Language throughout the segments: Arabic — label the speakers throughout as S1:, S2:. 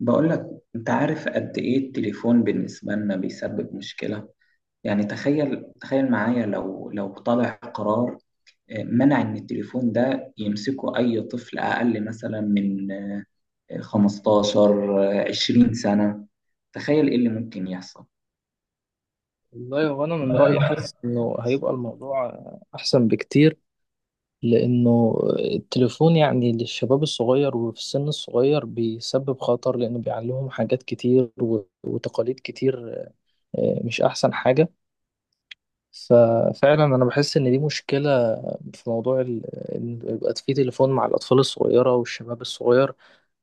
S1: بقول لك، انت عارف قد ايه التليفون بالنسبة لنا بيسبب مشكلة؟ يعني تخيل معايا لو طلع قرار، منع ان التليفون ده يمسكه اي طفل اقل مثلا من 15 20 سنة. تخيل ايه اللي ممكن يحصل.
S2: والله هو أنا من رأيي حاسس إنه هيبقى الموضوع أحسن بكتير. لأنه التليفون يعني للشباب الصغير وفي السن الصغير بيسبب خطر، لأنه بيعلمهم حاجات كتير وتقاليد كتير. مش أحسن حاجة. ففعلا أنا بحس إن دي مشكلة في موضوع إن يبقى في تليفون مع الأطفال الصغيرة والشباب الصغير.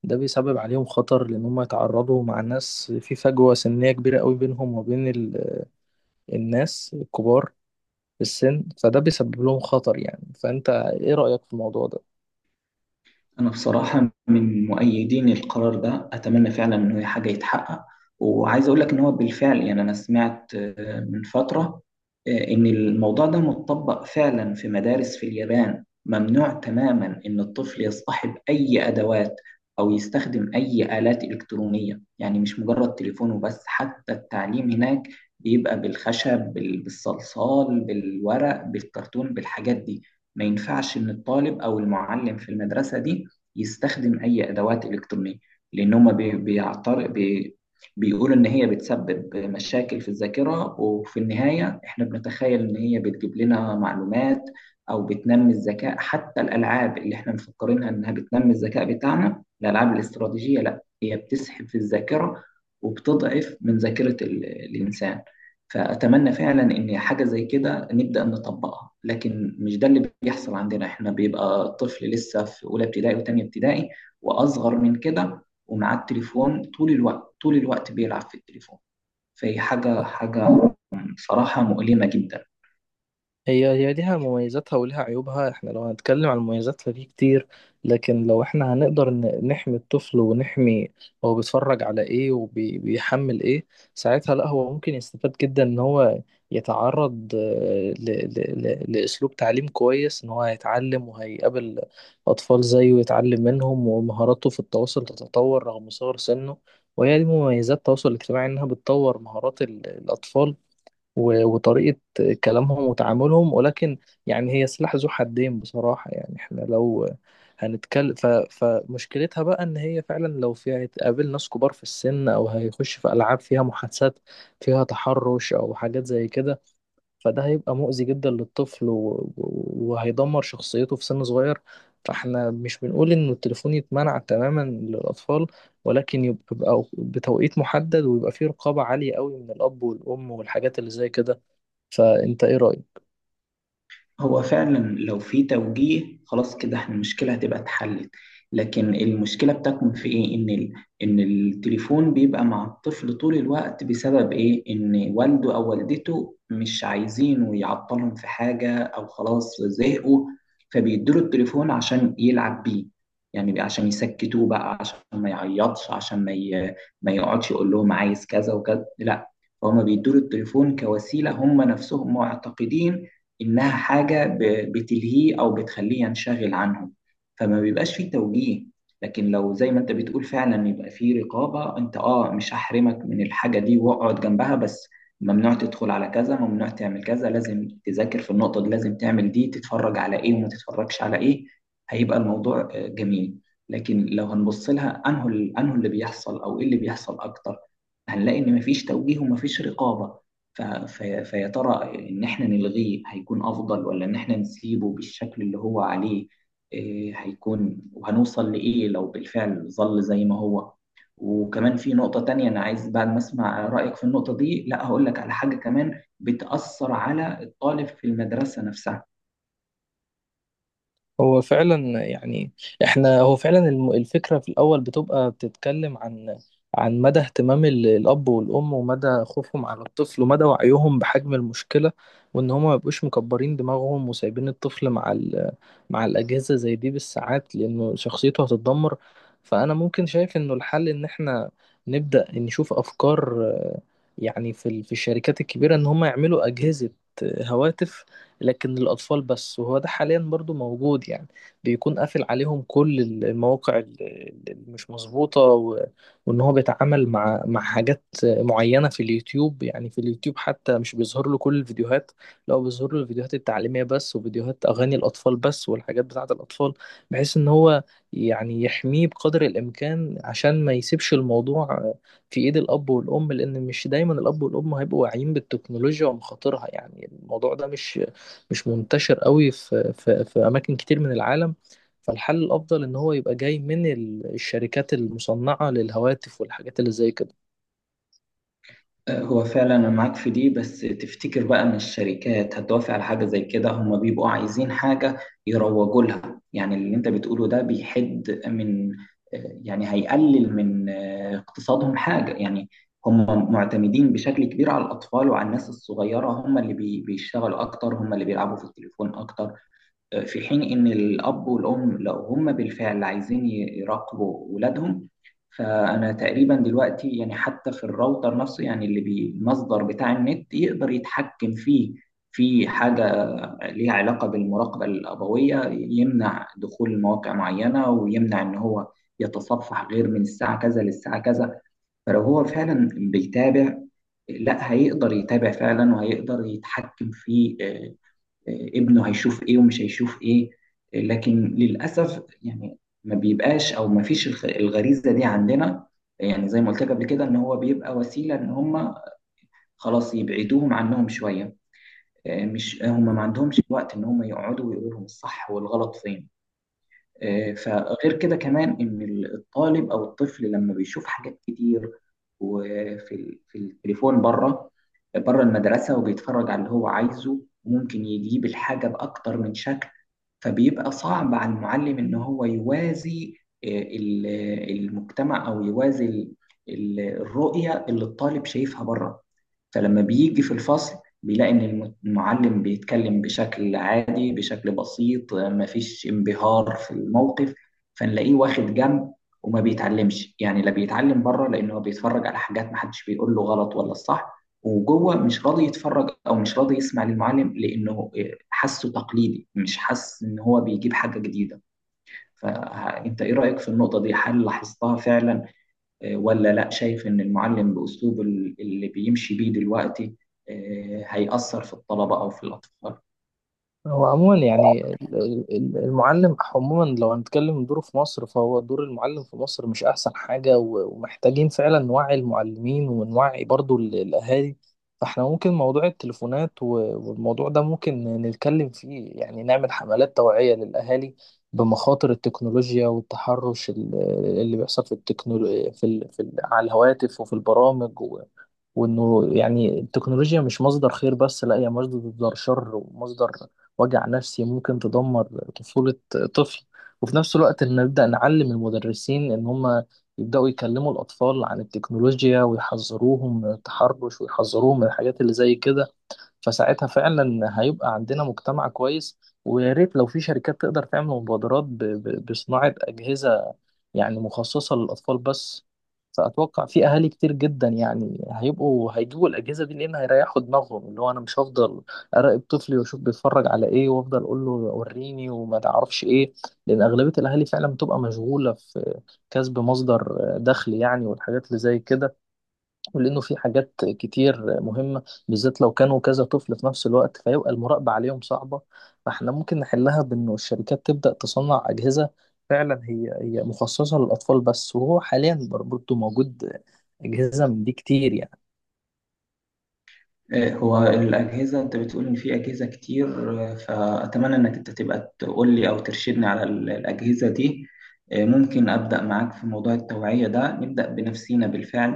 S2: ده بيسبب عليهم خطر، لأن هم يتعرضوا مع ناس في فجوة سنية كبيرة قوي بينهم وبين الناس الكبار في السن، فده بيسبب لهم خطر يعني. فأنت إيه رأيك في الموضوع ده؟
S1: أنا بصراحة من مؤيدين القرار ده، أتمنى فعلا إنه هي حاجة يتحقق. وعايز أقول لك إن هو بالفعل يعني أنا سمعت من فترة إن الموضوع ده متطبق فعلا في مدارس في اليابان. ممنوع تماما إن الطفل يصطحب أي أدوات أو يستخدم أي آلات إلكترونية، يعني مش مجرد تليفونه بس. حتى التعليم هناك بيبقى بالخشب، بالصلصال، بالورق، بالكرتون، بالحاجات دي. ما ينفعش إن الطالب أو المعلم في المدرسة دي يستخدم اي ادوات الكترونيه، لان هم بي- بيعتر بي بيقولوا ان هي بتسبب مشاكل في الذاكره. وفي النهايه احنا بنتخيل ان هي بتجيب لنا معلومات او بتنمي الذكاء، حتى الالعاب اللي احنا مفكرينها انها بتنمي الذكاء بتاعنا، الالعاب الاستراتيجيه، لا هي بتسحب في الذاكره وبتضعف من ذاكره الانسان. فاتمنى فعلا ان حاجه زي كده نبدأ نطبقها، لكن مش ده اللي بيحصل عندنا. احنا بيبقى طفل لسه في أولى ابتدائي وتانية ابتدائي وأصغر من كده، ومعاه التليفون طول الوقت طول الوقت، بيلعب في التليفون. فهي حاجة حاجة صراحة مؤلمة جدا.
S2: هي ليها مميزاتها وليها عيوبها. احنا لو هنتكلم عن المميزات فدي كتير، لكن لو احنا هنقدر نحمي الطفل ونحمي هو بيتفرج على ايه وبيحمل ايه، ساعتها لا هو ممكن يستفاد جدا ان هو يتعرض لأسلوب تعليم كويس. ان هو هيتعلم وهيقابل أطفال زيه ويتعلم منهم، ومهاراته في التواصل تتطور رغم صغر سنه. وهي دي مميزات التواصل الاجتماعي، انها بتطور مهارات الأطفال وطريقة كلامهم وتعاملهم. ولكن يعني هي سلاح ذو حدين بصراحة. يعني احنا لو هنتكلم فمشكلتها بقى ان هي فعلا لو فيها هتقابل ناس كبار في السن، او هيخش في العاب فيها محادثات فيها تحرش او حاجات زي كده، فده هيبقى مؤذي جدا للطفل وهيدمر شخصيته في سن صغير. فاحنا مش بنقول ان التليفون يتمنع تماما للاطفال، ولكن يبقى بتوقيت محدد ويبقى فيه رقابة عالية قوي من الاب والام والحاجات اللي زي كده. فانت ايه رايك؟
S1: هو فعلا لو في توجيه خلاص كده احنا المشكلة هتبقى اتحلت، لكن المشكلة بتكمن في ايه؟ ان التليفون بيبقى مع الطفل طول الوقت. بسبب ايه؟ ان والده او والدته مش عايزينه يعطلهم في حاجة، او خلاص زهقوا، فبيدوله التليفون عشان يلعب بيه. يعني عشان يسكتوه بقى، عشان ما يعيطش، عشان ما يقعدش يقول لهم عايز كذا وكذا. لا، فهم بيدوله التليفون كوسيلة، هم نفسهم معتقدين إنها حاجة بتلهيه أو بتخليه ينشغل عنهم، فما بيبقاش فيه توجيه. لكن لو زي ما أنت بتقول فعلا يبقى فيه رقابة، أنت أه مش هحرمك من الحاجة دي، واقعد جنبها بس. ممنوع تدخل على كذا، ممنوع تعمل كذا، لازم تذاكر في النقطة دي، لازم تعمل دي، تتفرج على إيه وما تتفرجش على إيه. هيبقى الموضوع جميل. لكن لو هنبص لها أنه اللي بيحصل أو إيه اللي بيحصل أكتر، هنلاقي إن مفيش توجيه ومفيش رقابة. ف- فيا ترى إن إحنا نلغيه هيكون أفضل، ولا إن إحنا نسيبه بالشكل اللي هو عليه؟ إيه هيكون وهنوصل لإيه لو بالفعل ظل زي ما هو؟ وكمان في نقطة تانية أنا عايز بعد ما أسمع رأيك في النقطة دي، لا هقول لك على حاجة كمان بتأثر على الطالب في المدرسة نفسها.
S2: هو فعلا يعني احنا هو فعلا الفكره في الاول بتبقى بتتكلم عن عن مدى اهتمام الاب والام، ومدى خوفهم على الطفل، ومدى وعيهم بحجم المشكله، وان هما ما يبقوش مكبرين دماغهم وسايبين الطفل مع ال مع الاجهزه زي دي بالساعات، لانه شخصيته هتتدمر. فانا ممكن شايف انه الحل ان احنا نبدا نشوف افكار. يعني في في الشركات الكبيره، ان هما يعملوا اجهزه، هواتف، لكن الأطفال بس. وهو ده حاليا برضو موجود يعني، بيكون قافل عليهم كل المواقع اللي مش مظبوطة، وإن هو بيتعامل مع حاجات معينة في اليوتيوب. يعني في اليوتيوب حتى مش بيظهر له كل الفيديوهات، لا هو بيظهر له الفيديوهات التعليمية بس وفيديوهات أغاني الأطفال بس والحاجات بتاعة الأطفال، بحيث إن هو يعني يحميه بقدر الإمكان، عشان ما يسيبش الموضوع في ايد الاب والام، لان مش دايما الاب والام هيبقوا واعيين بالتكنولوجيا ومخاطرها. يعني الموضوع ده مش منتشر قوي في اماكن كتير من العالم. فالحل الافضل ان هو يبقى جاي من الشركات المصنعة للهواتف والحاجات اللي زي كده.
S1: هو فعلا انا معاك في دي، بس تفتكر بقى ان الشركات هتوافق على حاجه زي كده؟ هم بيبقوا عايزين حاجه يروجوا لها، يعني اللي انت بتقوله ده بيحد من، يعني هيقلل من اقتصادهم حاجه يعني. هم معتمدين بشكل كبير على الاطفال وعلى الناس الصغيره، هم اللي بيشتغلوا اكتر، هم اللي بيلعبوا في التليفون اكتر. في حين إن الأب والأم لو هم بالفعل عايزين يراقبوا ولادهم، فأنا تقريبا دلوقتي يعني حتى في الراوتر نفسه، يعني اللي بالمصدر بتاع النت، يقدر يتحكم فيه، في حاجة ليها علاقة بالمراقبة الأبوية، يمنع دخول مواقع معينة ويمنع إن هو يتصفح غير من الساعة كذا للساعة كذا. فلو هو فعلا بيتابع، لا هيقدر يتابع فعلا، وهيقدر يتحكم في ابنه هيشوف ايه ومش هيشوف ايه. لكن للاسف يعني ما بيبقاش او ما فيش الغريزه دي عندنا. يعني زي ما قلت لك قبل كده، ان هو بيبقى وسيله ان هم خلاص يبعدوهم عنهم شويه. مش هم ما عندهمش وقت ان هم يقعدوا ويقولوا لهم الصح والغلط فين. فغير كده كمان ان الطالب او الطفل لما بيشوف حاجات كتير وفي في التليفون بره، بره المدرسه، وبيتفرج على اللي هو عايزه، ممكن يجيب الحاجه باكتر من شكل. فبيبقى صعب على المعلم ان هو يوازي آه، ال- المجتمع، او يوازي الرؤية اللي الطالب شايفها بره. فلما بيجي في الفصل بيلاقي ان المعلم بيتكلم بشكل عادي، بشكل بسيط، مفيش انبهار في الموقف، فنلاقيه واخد جنب وما بيتعلمش. يعني لا بيتعلم بره لانه بيتفرج على حاجات محدش بيقول له غلط ولا الصح، وجوه مش راضي يتفرج او مش راضي يسمع للمعلم لانه حاسه تقليدي، مش حاسس ان هو بيجيب حاجه جديده. فانت ايه رايك في النقطه دي؟ هل لاحظتها فعلا ولا لا؟ شايف ان المعلم باسلوبه اللي بيمشي بيه دلوقتي هيأثر في الطلبه او في الاطفال؟
S2: هو عموما يعني المعلم عموما، لو هنتكلم من دوره في مصر، فهو دور المعلم في مصر مش أحسن حاجة، ومحتاجين فعلا نوعي المعلمين ونوعي برضو الأهالي. فاحنا ممكن موضوع التليفونات والموضوع ده ممكن نتكلم فيه، يعني نعمل حملات توعية للأهالي بمخاطر التكنولوجيا والتحرش اللي بيحصل في التكنولو... في ال... في ال... على الهواتف وفي البرامج. وانه يعني التكنولوجيا مش مصدر خير بس، لا هي مصدر شر ومصدر وجع نفسي، ممكن تدمر طفولة طفل. وفي نفس الوقت ان نبدأ نعلم المدرسين ان هم يبدأوا يكلموا الأطفال عن التكنولوجيا ويحذروهم من التحرش ويحذروهم من الحاجات اللي زي كده. فساعتها فعلا هيبقى عندنا مجتمع كويس. ويا ريت لو في شركات تقدر تعمل مبادرات بصناعة أجهزة يعني مخصصة للأطفال بس. فأتوقع في أهالي كتير جدا يعني هيبقوا هيجيبوا الأجهزة دي، لأن هيريحوا دماغهم، اللي هو أنا مش هفضل أراقب طفلي وأشوف بيتفرج على إيه وأفضل أقول له وريني وما تعرفش إيه. لأن أغلبية الأهالي فعلا بتبقى مشغولة في كسب مصدر دخل يعني والحاجات اللي زي كده. ولأنه في حاجات كتير مهمة، بالذات لو كانوا كذا طفل في نفس الوقت، فيبقى المراقبة عليهم صعبة. فاحنا ممكن نحلها بأنه الشركات تبدأ تصنع أجهزة فعلا هي مخصصة للأطفال بس. وهو حاليا برضه موجود أجهزة من دي كتير يعني.
S1: إيه هو الأجهزة؟ أنت بتقول إن في أجهزة كتير، فأتمنى إنك أنت تبقى تقول لي أو ترشدني على الأجهزة دي. ممكن أبدأ معاك في موضوع التوعية ده، نبدأ بنفسينا بالفعل،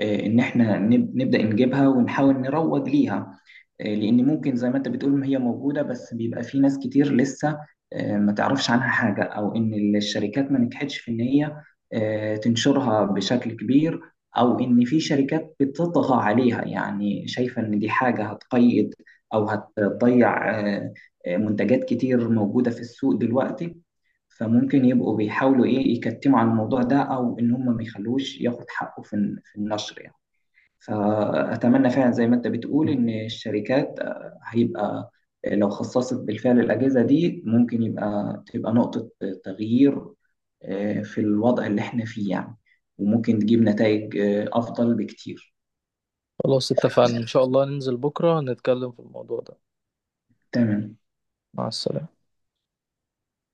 S1: إن إحنا نبدأ نجيبها ونحاول نروج ليها، لأن ممكن زي ما أنت بتقول ما هي موجودة، بس بيبقى في ناس كتير لسه ما تعرفش عنها حاجة، أو إن الشركات ما نجحتش في إن هي تنشرها بشكل كبير، او ان في شركات بتطغى عليها، يعني شايفه ان دي حاجه هتقيد او هتضيع منتجات كتير موجوده في السوق دلوقتي. فممكن يبقوا بيحاولوا ايه، يكتموا على الموضوع ده، او ان هم ما يخلوش ياخد حقه في في النشر يعني. فأتمنى فعلا زي ما أنت بتقول إن الشركات آه، هيبقى آه، لو خصصت بالفعل الأجهزة دي ممكن تبقى نقطة تغيير في الوضع اللي إحنا فيه يعني، وممكن تجيب نتائج أفضل بكتير.
S2: خلاص، اتفقنا إن شاء الله ننزل بكرة نتكلم في الموضوع ده.
S1: تمام.
S2: مع السلامة.